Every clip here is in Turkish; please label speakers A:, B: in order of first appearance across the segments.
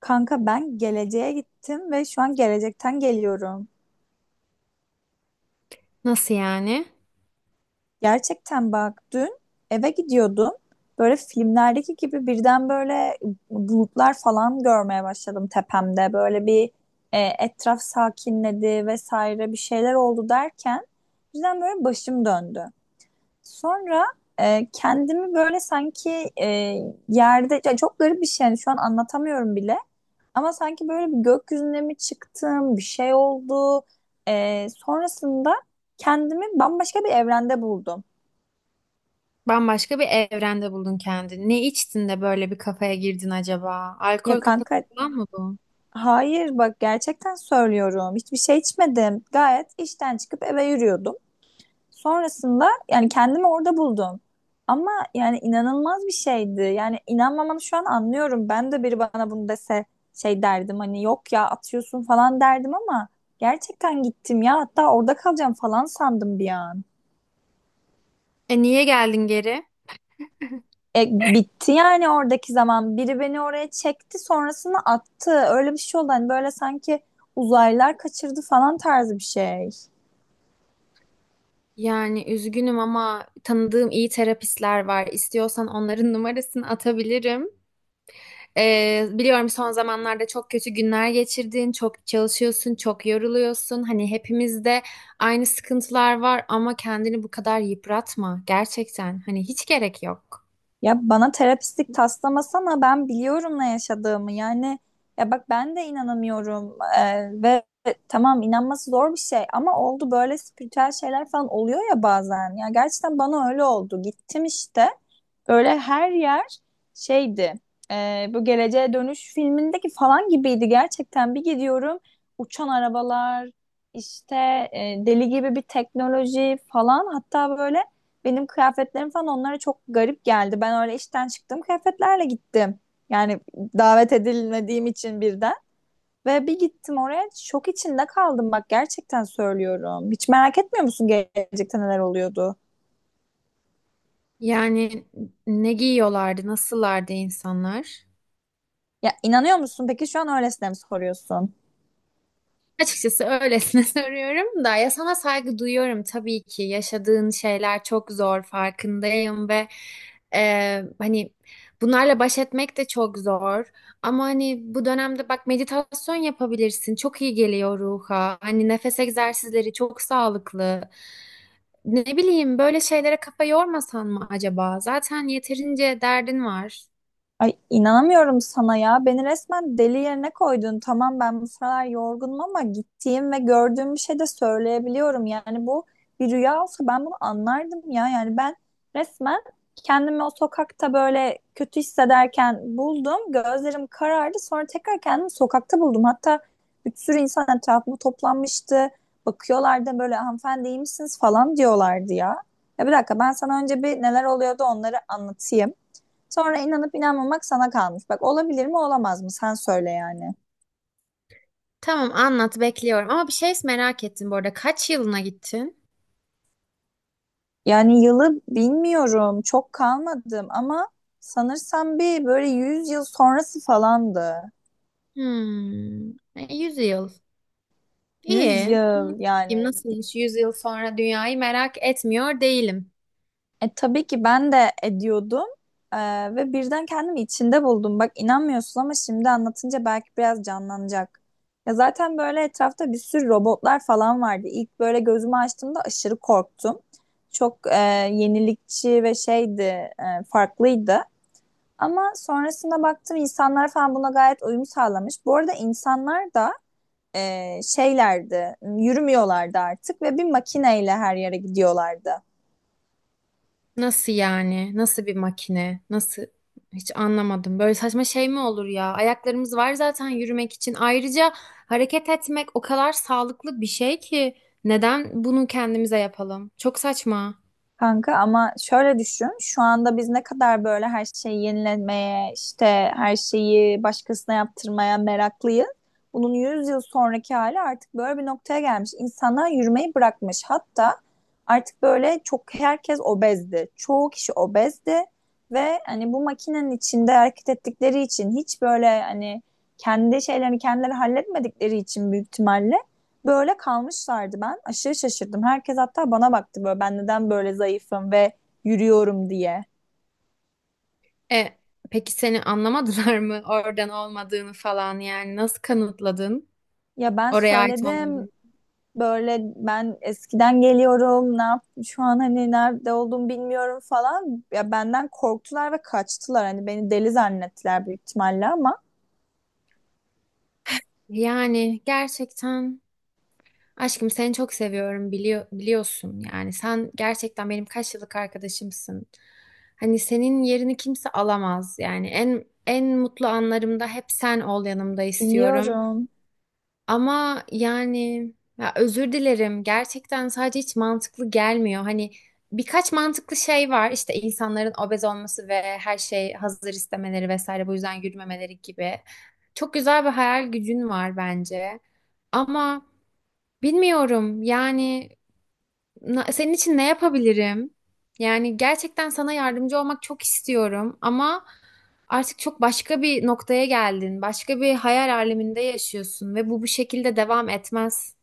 A: Kanka ben geleceğe gittim ve şu an gelecekten geliyorum.
B: Nasıl yani?
A: Gerçekten bak dün eve gidiyordum. Böyle filmlerdeki gibi birden böyle bulutlar falan görmeye başladım tepemde. Böyle bir etraf sakinledi vesaire bir şeyler oldu derken birden böyle başım döndü. Sonra kendimi böyle sanki yerde ya çok garip bir şey yani şu an anlatamıyorum bile. Ama sanki böyle bir gökyüzüne mi çıktım, bir şey oldu. Sonrasında kendimi bambaşka bir evrende buldum.
B: Bambaşka bir evrende buldun kendini. Ne içtin de böyle bir kafaya girdin acaba?
A: Ya
B: Alkol kafası
A: kanka
B: falan mı bu?
A: hayır bak gerçekten söylüyorum. Hiçbir şey içmedim. Gayet işten çıkıp eve yürüyordum. Sonrasında yani kendimi orada buldum. Ama yani inanılmaz bir şeydi. Yani inanmamanı şu an anlıyorum. Ben de biri bana bunu dese şey derdim hani yok ya atıyorsun falan derdim ama gerçekten gittim ya hatta orada kalacağım falan sandım bir an.
B: E niye geldin geri?
A: Bitti yani oradaki zaman. Biri beni oraya çekti sonrasını attı. Öyle bir şey oldu. Hani böyle sanki uzaylılar kaçırdı falan tarzı bir şey.
B: Yani üzgünüm ama tanıdığım iyi terapistler var. İstiyorsan onların numarasını atabilirim. Biliyorum son zamanlarda çok kötü günler geçirdin, çok çalışıyorsun, çok yoruluyorsun. Hani hepimizde aynı sıkıntılar var ama kendini bu kadar yıpratma. Gerçekten hani hiç gerek yok.
A: Ya bana terapistlik taslamasana ben biliyorum ne yaşadığımı. Yani ya bak ben de inanamıyorum. Ve tamam inanması zor bir şey ama oldu böyle spiritüel şeyler falan oluyor ya bazen. Ya gerçekten bana öyle oldu. Gittim işte. Böyle her yer şeydi. Bu Geleceğe Dönüş filmindeki falan gibiydi gerçekten. Bir gidiyorum uçan arabalar, işte deli gibi bir teknoloji falan. Hatta böyle benim kıyafetlerim falan onlara çok garip geldi. Ben öyle işten çıktım kıyafetlerle gittim. Yani davet edilmediğim için birden. Ve bir gittim oraya şok içinde kaldım bak gerçekten söylüyorum. Hiç merak etmiyor musun gelecekte neler oluyordu?
B: Yani ne giyiyorlardı, nasıllardı insanlar?
A: Ya inanıyor musun? Peki şu an öylesine mi soruyorsun?
B: Açıkçası öylesine soruyorum da ya sana saygı duyuyorum tabii ki. Yaşadığın şeyler çok zor farkındayım ve hani bunlarla baş etmek de çok zor. Ama hani bu dönemde bak meditasyon yapabilirsin. Çok iyi geliyor ruha. Hani nefes egzersizleri çok sağlıklı. Ne bileyim böyle şeylere kafa yormasan mı acaba? Zaten yeterince derdin var.
A: Ay inanamıyorum sana ya. Beni resmen deli yerine koydun. Tamam ben bu sıralar yorgunum ama gittiğim ve gördüğüm bir şey de söyleyebiliyorum. Yani bu bir rüya olsa ben bunu anlardım ya. Yani ben resmen kendimi o sokakta böyle kötü hissederken buldum. Gözlerim karardı. Sonra tekrar kendimi sokakta buldum. Hatta bir sürü insan etrafıma toplanmıştı. Bakıyorlardı böyle hanımefendi iyi misiniz falan diyorlardı ya. Ya bir dakika ben sana önce bir neler oluyordu onları anlatayım. Sonra inanıp inanmamak sana kalmış. Bak olabilir mi olamaz mı? Sen söyle yani.
B: Tamam anlat bekliyorum ama bir şey merak ettim bu arada. Kaç yılına gittin?
A: Yani yılı bilmiyorum. Çok kalmadım ama sanırsam bir böyle 100 yıl sonrası falandı.
B: Hmm, 100 yıl.
A: yüz
B: İyi.
A: yıl
B: Anlatayım
A: yani.
B: nasılmış 100 yıl sonra dünyayı merak etmiyor değilim.
A: Tabii ki ben de ediyordum. E, ve birden kendimi içinde buldum. Bak inanmıyorsun ama şimdi anlatınca belki biraz canlanacak. Ya zaten böyle etrafta bir sürü robotlar falan vardı. İlk böyle gözümü açtığımda aşırı korktum. Çok yenilikçi ve şeydi, farklıydı. Ama sonrasında baktım insanlar falan buna gayet uyum sağlamış. Bu arada insanlar da şeylerdi, yürümüyorlardı artık ve bir makineyle her yere gidiyorlardı.
B: Nasıl yani? Nasıl bir makine? Nasıl? Hiç anlamadım. Böyle saçma şey mi olur ya? Ayaklarımız var zaten yürümek için. Ayrıca hareket etmek o kadar sağlıklı bir şey ki neden bunu kendimize yapalım? Çok saçma.
A: Kanka ama şöyle düşün, şu anda biz ne kadar böyle her şeyi yenilemeye, işte her şeyi başkasına yaptırmaya meraklıyız. Bunun 100 yıl sonraki hali artık böyle bir noktaya gelmiş. İnsanlar yürümeyi bırakmış. Hatta artık böyle çok herkes obezdi. Çoğu kişi obezdi ve hani bu makinenin içinde hareket ettikleri için hiç böyle hani kendi şeylerini kendileri halletmedikleri için büyük ihtimalle böyle kalmışlardı ben. Aşırı şaşırdım. Herkes hatta bana baktı böyle ben neden böyle zayıfım ve yürüyorum diye.
B: E, peki seni anlamadılar mı? Oradan olmadığını falan yani nasıl kanıtladın?
A: Ya ben
B: Oraya ait
A: söyledim
B: olmadığını.
A: böyle ben eskiden geliyorum. Ne yap şu an hani nerede olduğumu bilmiyorum falan. Ya benden korktular ve kaçtılar. Hani beni deli zannettiler büyük ihtimalle ama
B: Yani gerçekten aşkım seni çok seviyorum biliyor, biliyorsun yani sen gerçekten benim kaç yıllık arkadaşımsın. Hani senin yerini kimse alamaz yani en mutlu anlarımda hep sen ol yanımda istiyorum.
A: biliyorum.
B: Ama yani ya özür dilerim. Gerçekten sadece hiç mantıklı gelmiyor. Hani birkaç mantıklı şey var. İşte insanların obez olması ve her şey hazır istemeleri vesaire bu yüzden yürümemeleri gibi. Çok güzel bir hayal gücün var bence. Ama bilmiyorum yani Senin için ne yapabilirim? Yani gerçekten sana yardımcı olmak çok istiyorum ama artık çok başka bir noktaya geldin. Başka bir hayal aleminde yaşıyorsun ve bu şekilde devam etmez.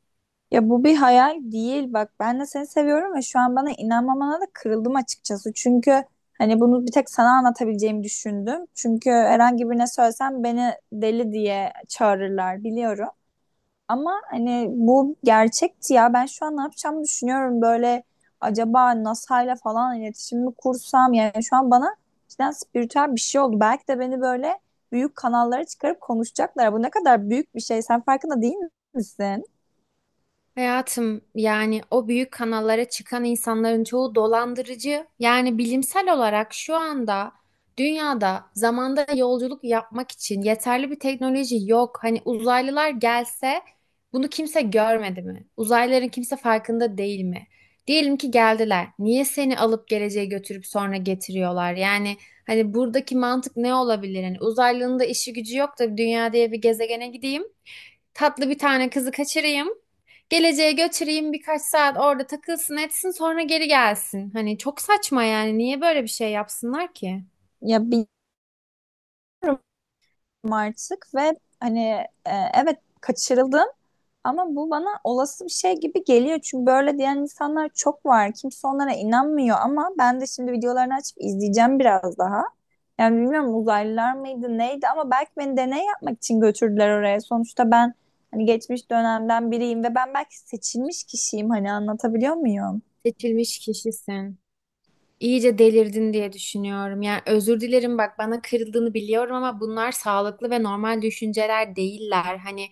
A: Ya bu bir hayal değil bak ben de seni seviyorum ve şu an bana inanmamana da kırıldım açıkçası. Çünkü hani bunu bir tek sana anlatabileceğimi düşündüm. Çünkü herhangi birine söylesem beni deli diye çağırırlar biliyorum. Ama hani bu gerçekti ya ben şu an ne yapacağımı düşünüyorum böyle acaba NASA'yla falan iletişim mi kursam yani şu an bana cidden spiritüel bir şey oldu. Belki de beni böyle büyük kanallara çıkarıp konuşacaklar. Bu ne kadar büyük bir şey sen farkında değil misin?
B: Hayatım yani o büyük kanallara çıkan insanların çoğu dolandırıcı. Yani bilimsel olarak şu anda dünyada zamanda yolculuk yapmak için yeterli bir teknoloji yok. Hani uzaylılar gelse bunu kimse görmedi mi? Uzaylıların kimse farkında değil mi? Diyelim ki geldiler. Niye seni alıp geleceğe götürüp sonra getiriyorlar? Yani hani buradaki mantık ne olabilir? Hani uzaylının da işi gücü yok da dünya diye bir gezegene gideyim. Tatlı bir tane kızı kaçırayım. Geleceğe götüreyim birkaç saat orada takılsın etsin sonra geri gelsin. Hani çok saçma yani niye böyle bir şey yapsınlar ki?
A: Ya bilmiyorum artık ve hani evet kaçırıldım ama bu bana olası bir şey gibi geliyor. Çünkü böyle diyen insanlar çok var. Kimse onlara inanmıyor ama ben de şimdi videolarını açıp izleyeceğim biraz daha. Yani bilmiyorum uzaylılar mıydı neydi ama belki beni deney yapmak için götürdüler oraya. Sonuçta ben hani geçmiş dönemden biriyim ve ben belki seçilmiş kişiyim hani anlatabiliyor muyum?
B: Seçilmiş kişisin. İyice delirdin diye düşünüyorum. Yani özür dilerim bak bana kırıldığını biliyorum ama bunlar sağlıklı ve normal düşünceler değiller. Hani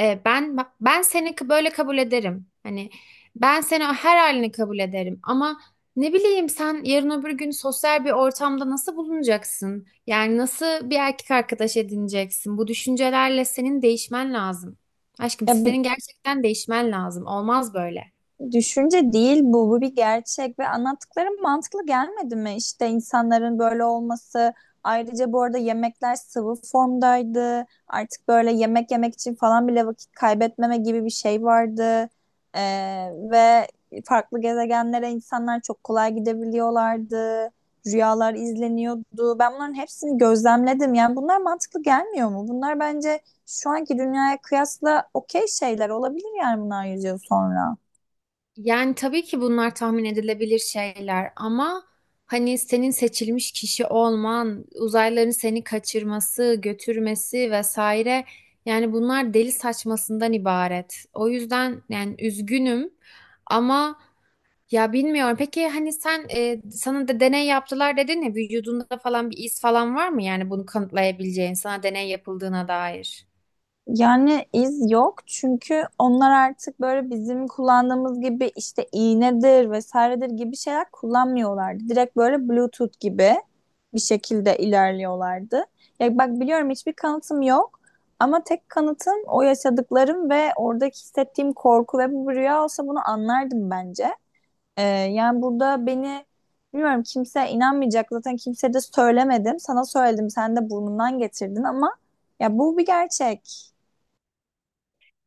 B: ben seni böyle kabul ederim. Hani ben seni her halini kabul ederim ama ne bileyim sen yarın öbür gün sosyal bir ortamda nasıl bulunacaksın? Yani nasıl bir erkek arkadaş edineceksin? Bu düşüncelerle senin değişmen lazım. Aşkım
A: Ya
B: senin gerçekten değişmen lazım. Olmaz böyle.
A: düşünce değil bu, bu bir gerçek ve anlattıklarım mantıklı gelmedi mi? İşte insanların böyle olması. Ayrıca bu arada yemekler sıvı formdaydı. Artık böyle yemek yemek için falan bile vakit kaybetmeme gibi bir şey vardı. Ve farklı gezegenlere insanlar çok kolay gidebiliyorlardı. Rüyalar izleniyordu. Ben bunların hepsini gözlemledim. Yani bunlar mantıklı gelmiyor mu? Bunlar bence şu anki dünyaya kıyasla okey şeyler olabilir yani bunlar 100 yıl sonra.
B: Yani tabii ki bunlar tahmin edilebilir şeyler ama hani senin seçilmiş kişi olman, uzaylıların seni kaçırması, götürmesi vesaire yani bunlar deli saçmasından ibaret. O yüzden yani üzgünüm ama ya bilmiyorum. Peki hani sen sana da deney yaptılar dedin ya vücudunda falan bir iz falan var mı yani bunu kanıtlayabileceğin sana deney yapıldığına dair?
A: Yani iz yok çünkü onlar artık böyle bizim kullandığımız gibi işte iğnedir vesairedir gibi şeyler kullanmıyorlardı. Direkt böyle Bluetooth gibi bir şekilde ilerliyorlardı. Ya bak biliyorum hiçbir kanıtım yok ama tek kanıtım o yaşadıklarım ve oradaki hissettiğim korku ve bu bir rüya olsa bunu anlardım bence. Yani burada beni bilmiyorum kimse inanmayacak zaten kimse de söylemedim. Sana söyledim sen de burnundan getirdin ama ya bu bir gerçek.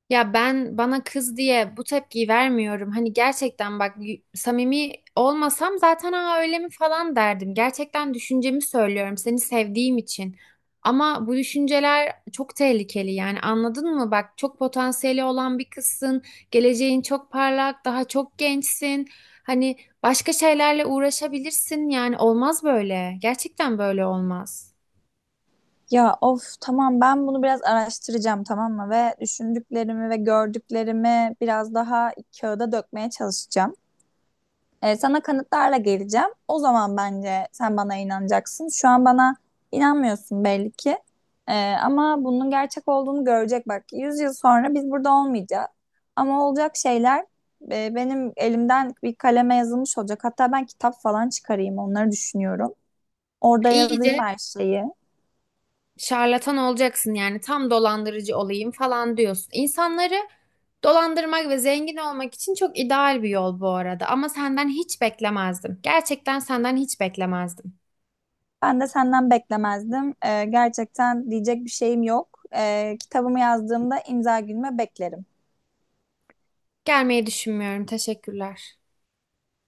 B: Ya ben bana kız diye bu tepkiyi vermiyorum. Hani gerçekten bak samimi olmasam zaten ha öyle mi falan derdim. Gerçekten düşüncemi söylüyorum seni sevdiğim için. Ama bu düşünceler çok tehlikeli yani anladın mı? Bak çok potansiyeli olan bir kızsın. Geleceğin çok parlak, daha çok gençsin. Hani başka şeylerle uğraşabilirsin yani olmaz böyle. Gerçekten böyle olmaz.
A: Ya of tamam ben bunu biraz araştıracağım tamam mı? Ve düşündüklerimi ve gördüklerimi biraz daha kağıda dökmeye çalışacağım. Sana kanıtlarla geleceğim. O zaman bence sen bana inanacaksın. Şu an bana inanmıyorsun belli ki. Ama bunun gerçek olduğunu görecek bak. 100 yıl sonra biz burada olmayacağız. Ama olacak şeyler benim elimden bir kaleme yazılmış olacak. Hatta ben kitap falan çıkarayım onları düşünüyorum. Orada yazayım
B: İyice
A: her şeyi.
B: şarlatan olacaksın yani tam dolandırıcı olayım falan diyorsun. İnsanları dolandırmak ve zengin olmak için çok ideal bir yol bu arada ama senden hiç beklemezdim. Gerçekten senden hiç beklemezdim.
A: Ben de senden beklemezdim. Gerçekten diyecek bir şeyim yok. Kitabımı yazdığımda imza günüme beklerim.
B: Gelmeyi düşünmüyorum. Teşekkürler.